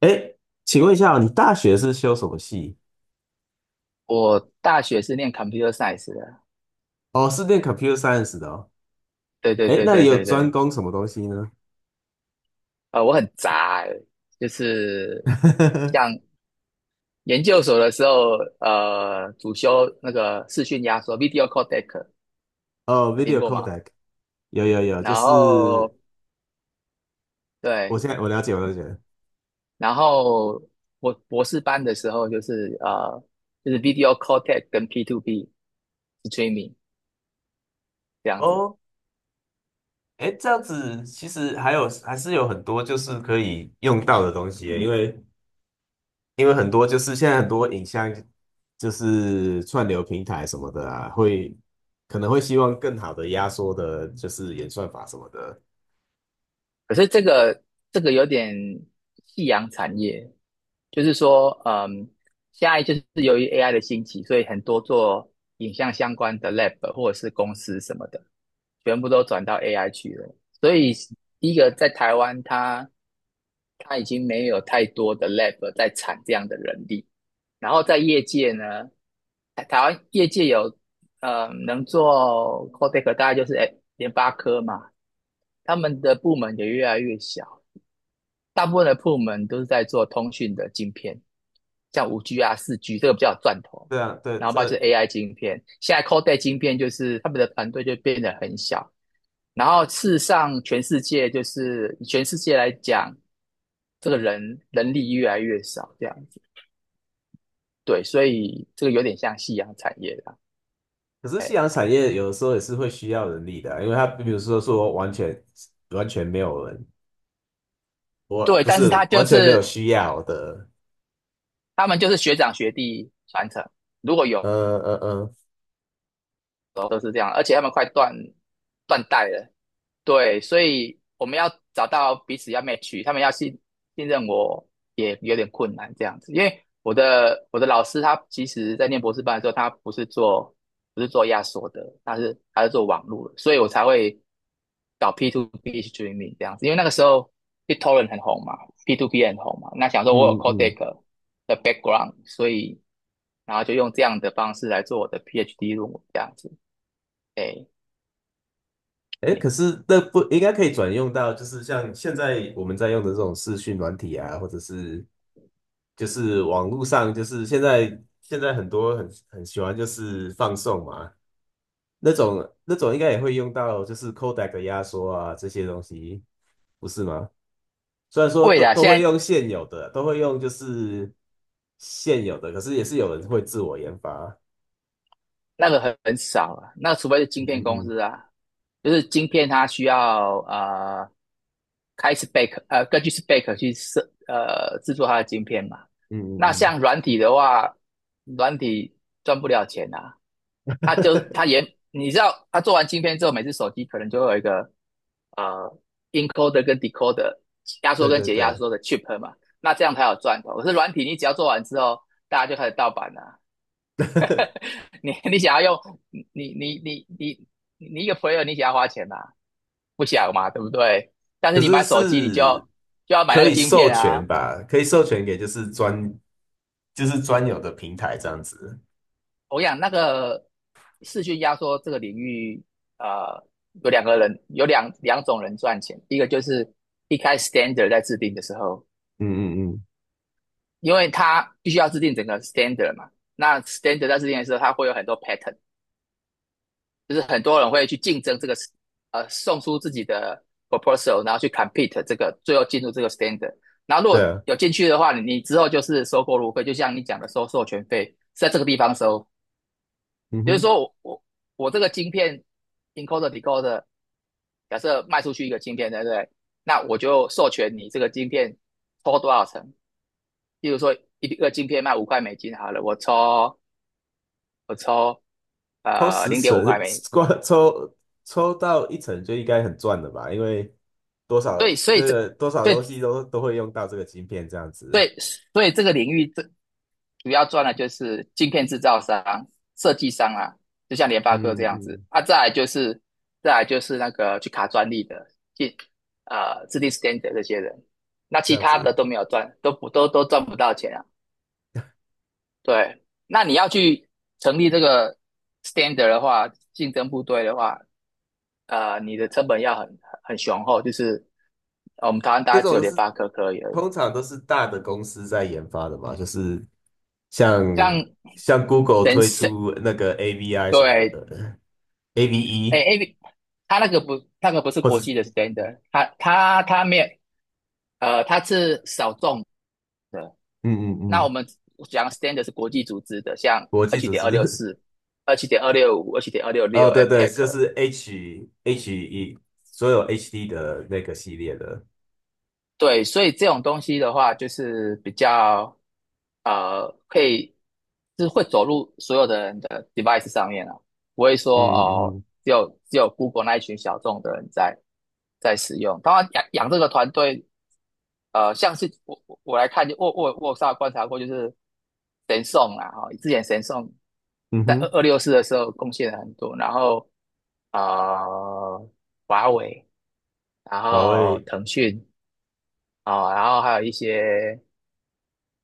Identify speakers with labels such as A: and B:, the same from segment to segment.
A: 哎，请问一下哦你大学是修什么系？
B: 我大学是念 computer science 的，
A: 哦，是念 computer science 的哦。
B: 对对
A: 哎，
B: 对
A: 那你
B: 对
A: 有
B: 对
A: 专
B: 对，
A: 攻什么东西呢？
B: 我很杂欸，就是像 研究所的时候，主修那个视讯压缩 （video codec），
A: 哦
B: 有听
A: ，video
B: 过吗？
A: codec，有有有，就
B: 然后
A: 是我
B: 对，
A: 现在我了解，我了解。
B: 然后我博士班的时候就是 video codec 跟 P2P streaming 这样子。
A: 哦，哎，这样子其实还是有很多就是可以用到的东西耶因为很多就是现在很多影像就是串流平台什么的啊，可能会希望更好的压缩的，就是演算法什么的。
B: 可是这个有点夕阳产业，就是说，现在就是由于 AI 的兴起，所以很多做影像相关的 lab 或者是公司什么的，全部都转到 AI 去了。所以第一个在台湾，他已经没有太多的 lab 在产这样的人力。然后在业界呢，台湾业界有能做 Codec，大概就是哎联发科嘛，他们的部门也越来越小，大部分的部门都是在做通讯的晶片，像五 g 啊、四 g 这个比较有赚头，
A: 对啊，对，
B: 然后包括就
A: 这
B: 是 AI 晶片，现在 Codec 晶片就是他们的团队就变得很小，然后事实上全世界就是全世界来讲，这个人力越来越少这样子，对，所以这个有点像夕阳产业啦，
A: 可是夕阳产业有的时候也是会需要人力的啊因为它比如说完全没有人，我
B: 对，
A: 不
B: 但是
A: 是
B: 他
A: 完
B: 就
A: 全没有
B: 是
A: 需要的，
B: 他们就是学长学弟传承，如果
A: 呃
B: 有
A: 呃呃，
B: 都是这样，而且他们快断代了。对，所以我们要找到彼此要 match，他们要信任我也有点困难这样子，因为我的老师他其实在念博士班的时候，他不是做压缩的，他是做网络的，所以我才会搞 P to P streaming 这样子，因为那个时候 BitTorrent 很红嘛，P to P 很红嘛，那想说我有
A: 嗯嗯嗯，
B: Codec 的 background，所以然后就用这样的方式来做我的 PhD 论文这样子，哎
A: 哎，
B: 哎，
A: 可是那不应该可以转用到，就是像现在我们在用的这种视讯软体啊，或者是就是网络上，就是现在很多很喜欢就是放送嘛，那种应该也会用到，就是 codec 的压缩啊这些东西，不是吗？虽然说
B: 会
A: 都
B: 的，
A: 都
B: 现
A: 会
B: 在。
A: 用现有的，都会用就是现有的，可是也是有人会自我研发。
B: 那个很少啊，那除非是晶
A: 嗯
B: 片公
A: 嗯
B: 司啊，就是晶片它需要开 spec 根据 spec 去制作它的晶片嘛。
A: 嗯嗯
B: 那
A: 嗯
B: 像软体的话，软体赚不了钱啊，它就
A: 嗯，
B: 它也你知道，它做完晶片之后，每次手机可能就会有一个呃 encoder 跟 decoder 压 缩
A: 对
B: 跟
A: 对
B: 解压
A: 对，
B: 缩的 chip 嘛，那这样才有赚头。可是软体你只要做完之后，大家就开始盗版了。你想要用你你你你你你一个 player 你想要花钱吗？不想嘛，对不对？但
A: 可
B: 是你
A: 是
B: 买手机你就要
A: 是
B: 就要买那
A: 可
B: 个
A: 以
B: 晶
A: 授
B: 片
A: 权
B: 啊。
A: 吧？可以授权给就是就是专有的平台这样子。
B: 我想那个视讯压缩这个领域，呃，有两个人有两两种人赚钱，一个就是一开始 standard 在制定的时候，
A: 嗯嗯嗯，
B: 因为他必须要制定整个 standard 嘛，那 standard 在制定的时候，它会有很多 pattern,就是很多人会去竞争这个，送出自己的 proposal,然后去 compete 这个，最后进入这个 standard。然后如
A: 对
B: 果
A: 啊，
B: 有进去的话，你之后就是收过路费，就像你讲的收授权费，在这个地方收。
A: 嗯
B: 比如
A: 哼。
B: 说我这个晶片 encoder decoder,假设卖出去一个晶片，对不对？那我就授权你这个晶片抽多少成。例如说一个晶片卖五块美金好了，我抽我抽
A: 抽
B: 呃
A: 十
B: 零点五块
A: 层，
B: 美金，
A: 光抽到一层就应该很赚了吧？因为多少
B: 对，所以
A: 这
B: 这。
A: 个多少
B: 对，
A: 东西都会用到这个晶片，这样子，
B: 对，所以这个领域最主要赚的就是镜片制造商、设计商啊，就像联发科
A: 嗯
B: 这样子
A: 嗯，
B: 啊，再来就是那个去卡专利的，进制定 standard 这些人，那
A: 这
B: 其
A: 样
B: 他的
A: 子，
B: 都没有赚，都赚不到钱啊。对，那你要去成立这个 standard 的话，竞争部队的话，你的成本要很雄厚，就是我们台湾大
A: 这
B: 概只
A: 种
B: 有
A: 都
B: 联
A: 是
B: 发科可以而已，
A: 通常都是大的公司在研发的嘛，就是像
B: 像
A: 像 Google
B: 神
A: 推
B: 神
A: 出那个 AVI 什么
B: 对
A: 的
B: 哎
A: ，AVE
B: ，A，B，他那个不，那个不是
A: 或者
B: 国
A: 是
B: 际的 standard,他没有，他是小众的。
A: 嗯嗯
B: 那
A: 嗯，
B: 我们讲 standard 是国际组织的，像
A: 国
B: 二
A: 际
B: 七
A: 组
B: 点二六
A: 织，
B: 四、二七点二六五、二七点二六
A: 哦，
B: 六
A: 对对，就
B: APEC,
A: 是 H HE 所有 HD 的那个系列的。
B: 对，所以这种东西的话，就是比较可以是会走入所有的人的 device 上面啊，不会说
A: 嗯嗯
B: 哦，
A: 嗯
B: 只有 Google 那一群小众的人在使用。当然养这个团队像是我来看，就我有稍微观察过，就是神送啦，哈、哦之前神送
A: 嗯
B: 在二
A: 哼。
B: 二六四的时候贡献了很多，然后呃，华为，然
A: 华
B: 后
A: 为，
B: 腾讯啊、哦然后还有一些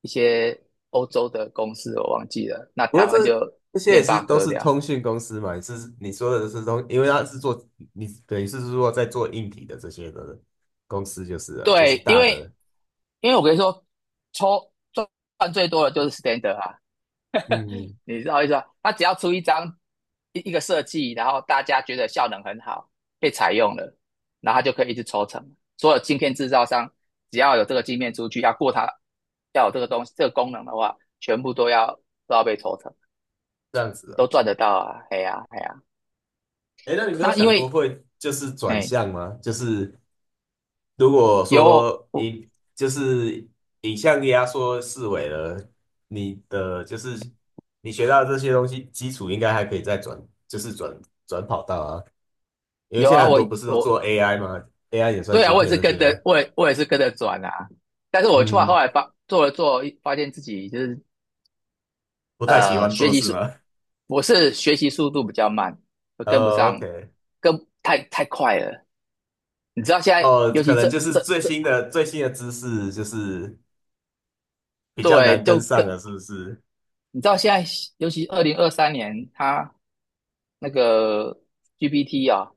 B: 一些欧洲的公司，我忘记了，那
A: 不过
B: 台
A: 这
B: 湾就
A: 这些也
B: 联
A: 是
B: 发
A: 都
B: 科
A: 是
B: 这样。
A: 通讯公司嘛，是你说的是通，因为它是做你等于是说在做硬体的这些的公司就是了，就是
B: 对，因
A: 大的，
B: 为因为我跟你说，抽赚最多的就是 Standard 啊，
A: 嗯，
B: 你知道意思吧？他只要出一张一个设计，然后大家觉得效能很好，被采用了，然后他就可以一直抽成。所有晶片制造商只要有这个晶片出去，要过它，要有这个东西这个功能的话，全部都要被抽成，
A: 这样子
B: 都
A: 了。
B: 赚得到啊！哎呀、哎呀、
A: 哎，那你没有
B: 那因
A: 想过
B: 为
A: 会就是转
B: 哎
A: 向吗？就是如果
B: 有
A: 说
B: 我
A: 影就是影像压缩四维了，你的就是你学到这些东西基础应该还可以再转，就是转跑道啊。因为
B: 有
A: 现在
B: 啊，
A: 很
B: 我
A: 多不是都
B: 我
A: 做 AI 吗？AI 也算
B: 对啊，
A: 晶
B: 我也
A: 片
B: 是
A: 那些，
B: 跟着我也我也是跟着转啊，但是我出来后
A: 嗯，
B: 来发做了做，发现自己就是
A: 不太喜欢
B: 学
A: 做
B: 习
A: 事
B: 速，
A: 吗？
B: 我是学习速度比较慢，我跟不上，
A: OK,
B: 跟太快了。你知道现在，
A: 哦，
B: 尤其
A: 可
B: 这
A: 能就是
B: 这
A: 最
B: 这，
A: 新的最新的知识就是比较
B: 对，
A: 难跟
B: 就
A: 上了，是不是？
B: 你知道现在，尤其二零二三年，他那个 GPT 啊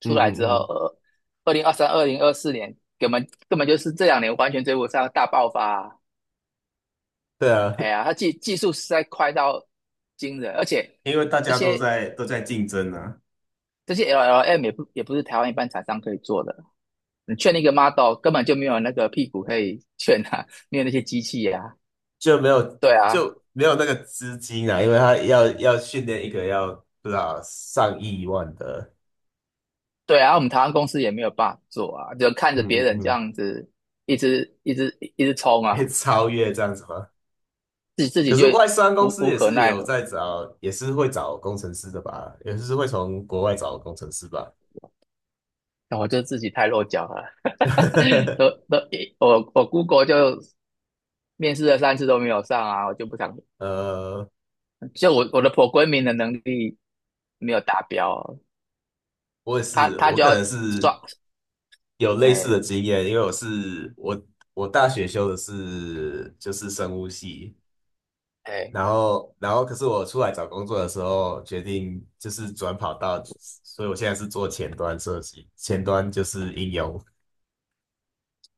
B: 出来之
A: 嗯嗯
B: 后，
A: 嗯，
B: 二零二三、二零二四年，根本就是这两年完全追不上大爆发啊
A: 对啊，
B: 哎呀，他技术实在快到惊人，而且
A: 因为大
B: 这
A: 家都
B: 些
A: 在都在竞争啊，
B: 这些 LLM 也不是台湾一般厂商可以做的。你劝那个 model 根本就没有那个屁股可以劝啊，没有那些机器啊，
A: 就没有
B: 对啊，
A: 就没有那个资金啊，因为他要训练一个要不知道上亿万的，
B: 对啊，我们台湾公司也没有办法做啊，就看着
A: 嗯
B: 别
A: 嗯
B: 人这
A: 嗯，
B: 样子一直一直一直冲
A: 可
B: 啊，
A: 以超越这样子吗？
B: 自己
A: 可
B: 就
A: 是外商公
B: 无
A: 司
B: 无
A: 也
B: 可
A: 是
B: 奈
A: 有
B: 何，
A: 在找，也是会找工程师的吧？也是会从国外找工程师吧？
B: 那我就自己太落脚了，都 都我 Google 就面试了三次都没有上啊，我就不想，
A: 呃，
B: 就我的 programming 的能力没有达标哦，
A: 我也
B: 他
A: 是，
B: 他
A: 我
B: 就
A: 可
B: 要
A: 能是
B: 刷，
A: 有类似
B: 哎
A: 的经验，因为我是我我大学修的是就是生物系，
B: 哎，
A: 然后可是我出来找工作的时候决定就是转跑道，所以我现在是做前端设计，前端就是应用。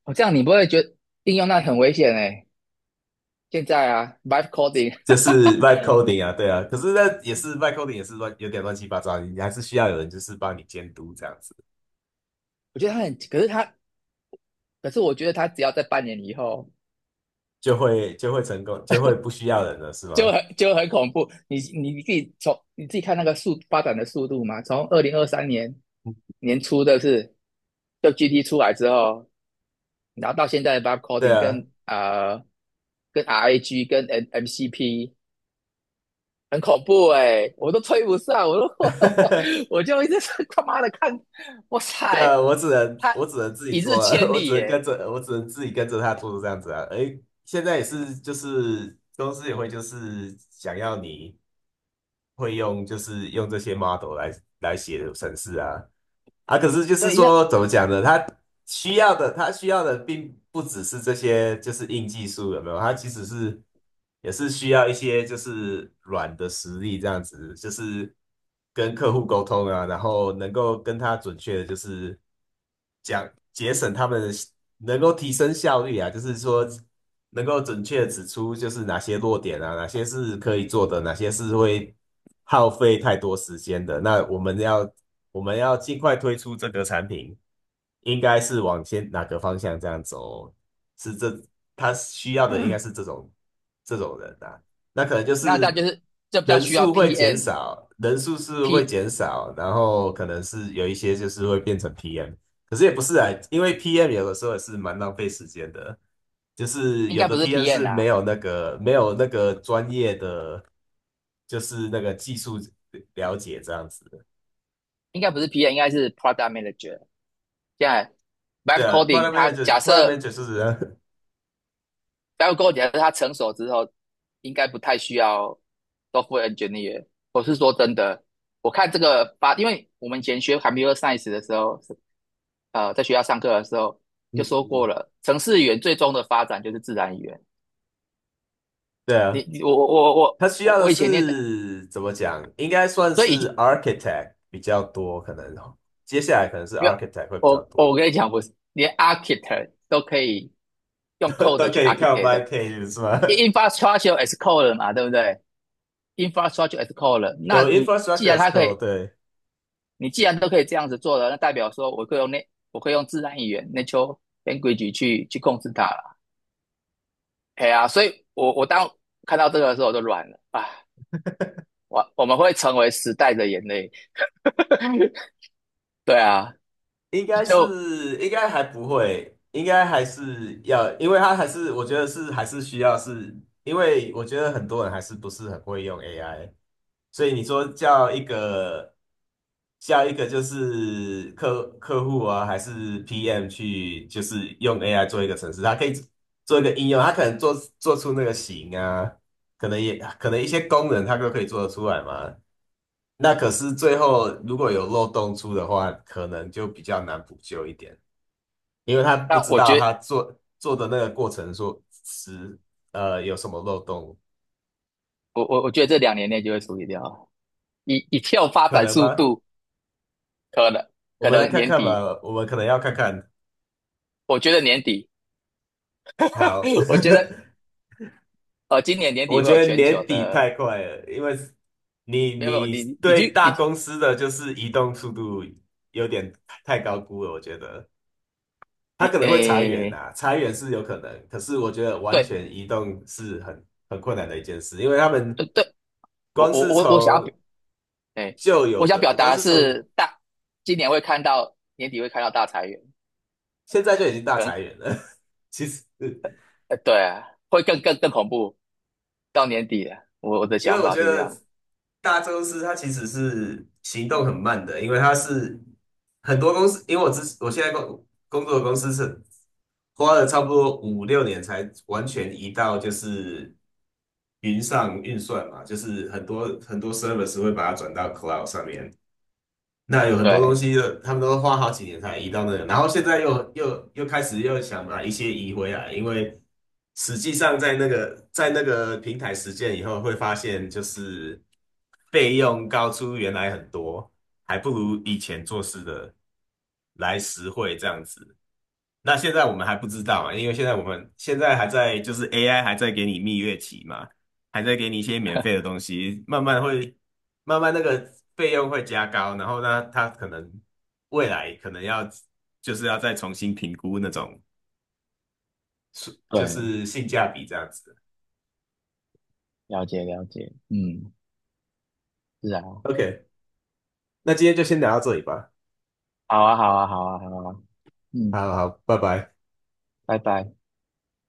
B: 我这样你不会觉得应用那很危险哎、现在啊 v i v e
A: 就
B: coding,
A: 是 vibe coding 啊，对啊，可是那也是 vibe coding 也是乱，有点乱七八糟，你还是需要有人就是帮你监督这样子，
B: 我觉得他很，可是他，可是我觉得他只要在半年以后，
A: 就会成功，就会不需要人了，是吗？
B: 就很恐怖。你自己从你自己看那个速发展的速度嘛，从二零二三年年初的是，就 GT 出来之后，然后到现在的 v i v e
A: 对
B: coding
A: 啊，
B: 跟跟 RAG 跟 MCP 很恐怖哎、欸我都吹不上，我都 我就一直是他妈的看，哇
A: 对
B: 塞，
A: 啊，我只能
B: 他
A: 我只能自己
B: 一日
A: 做啊，
B: 千
A: 我只
B: 里耶、
A: 能
B: 欸
A: 跟着我只能自己跟着他做这样子啊。诶，现在也是就是公司也会就是想要你会用就是用这些 model 来写程式啊，啊，可是就是
B: 对，
A: 说，怎么讲呢？他需要的，他需要的并不只是这些，就是硬技术，有没有？他其实是也是需要一些就是软的实力，这样子，就是跟客户沟通啊，然后能够跟他准确的，就是讲节省他们能够提升效率啊，就是说能够准确地指出就是哪些弱点啊，哪些是可以做的，哪些是会耗费太多时间的。那我们要尽快推出这个产品，应该是往先哪个方向这样走？是这他需要的应该是这种人啊。那可能就
B: 那大
A: 是
B: 家就是这比较
A: 人
B: 需要
A: 数会
B: p
A: 减
B: N
A: 少，人数是会
B: P
A: 减少，然后可能是有一些就是会变成 PM,可是也不是啊，因为 PM 有的时候也是蛮浪费时间的，就是
B: 应
A: 有
B: 该
A: 的
B: 不是
A: PM
B: p N
A: 是没
B: 啊，
A: 有那个没有那个专业的，就是那个技术了解这样子。的。
B: 应该不是 p N,应该是 Product Manager。现在
A: 对
B: Vibe
A: 啊
B: Coding
A: ，Product
B: 它假
A: Manager，Product
B: 设
A: Manager 就是
B: Vibe Coding 假设它成熟之后，应该不太需要 Software Engineer。我是说真的，我看这个发，因为我们以前学 Computer Science 的时候，在学校上课的时候
A: 嗯
B: 就说过
A: 嗯，
B: 了，程式语言最终的发展就是自然语言。
A: 对啊，
B: 你你我我我
A: 他需
B: 我
A: 要的
B: 我以前念的，
A: 是怎么讲？应该算
B: 所
A: 是
B: 以
A: Architect 比较多，可能哦接下来可能是
B: 没有，
A: Architect 会比较
B: 我
A: 多，
B: 跟你讲，我是连 architect 都可以用 code
A: 都可
B: 去
A: 以看
B: architect。
A: YK 是吗？
B: infrastructure as code 嘛，对不对？infrastructure as code 那
A: 有
B: 你既
A: Infrastructure
B: 然
A: as
B: 它可
A: Code,
B: 以，
A: 对。
B: 你既然都可以这样子做了，那代表说我可以用自然语言 natural language 去控制它了。哎呀啊，所以我当看到这个的时候我就软了啊，我们会成为时代的眼泪。对啊，
A: 应该
B: 就
A: 是应该还不会，应该还是要，因为他还是我觉得是还是需要是，因为我觉得很多人还是不是很会用 AI,所以你说叫一个就是客户啊，还是 PM 去就是用 AI 做一个程式，他可以做一个应用，他可能做出那个型啊，可能也可能一些功能他都可以做得出来嘛。那可是最后如果有漏洞出的话，可能就比较难补救一点。因为他不
B: 但
A: 知
B: 我
A: 道
B: 觉得
A: 他做的那个过程说是有什么漏洞，
B: 我觉得这两年内就会处理掉以跳发
A: 可
B: 展
A: 能
B: 速
A: 吗？
B: 度，可能
A: 我
B: 可
A: 们来
B: 能
A: 看
B: 年
A: 看
B: 底，
A: 吧，我们可能要看看。
B: 我觉得年底，
A: 好，
B: 我觉得今年 年底
A: 我
B: 会有
A: 觉得
B: 全球
A: 年底
B: 的，
A: 太快了，因为你
B: 没有没有，
A: 你
B: 你
A: 对
B: 去
A: 大公司的就是移动速度有点太高估了，我觉得
B: 你
A: 他可能会裁员
B: 诶，
A: 啊，裁员是有可能，可是我觉得完
B: 对
A: 全移动是很困难的一件事，因为他们
B: 对对，我
A: 光
B: 我
A: 是
B: 我我想要
A: 从
B: 表，诶，
A: 旧
B: 我
A: 有
B: 想表
A: 的，光
B: 达的
A: 是从
B: 是今年会看到年底会看到大裁员，
A: 现在就已经大
B: 可能
A: 裁员了。其实，
B: 对啊，会更更更恐怖，到年底了，我的
A: 因为
B: 想
A: 我
B: 法
A: 觉
B: 是这
A: 得
B: 样，
A: 大公司它其实是行动很慢的，因为它是很多公司，因为我现在工作的公司是花了差不多5、6年才完全移到就是云上运算嘛，就是很多很多 service 会把它转到 cloud 上面，那有很多东
B: 对
A: 西的，他们都花好几年才移到那个，然后现在又开始又想把一些移回来，因为实际上在那个平台实践以后，会发现就是费用高出原来很多，还不如以前做事的来实惠这样子。那现在我们还不知道嘛，因为现在我们还在就是 AI 还在给你蜜月期嘛，还在给你一些免 费的东西，慢慢那个费用会加高，然后呢，他可能未来可能要就是要再重新评估那种就
B: 对，
A: 是性价比这样子。
B: 了解了解，嗯，是啊，
A: OK,那今天就先聊到这里吧。
B: 好啊好啊好啊好啊，嗯，
A: 好好，拜拜。
B: 拜拜。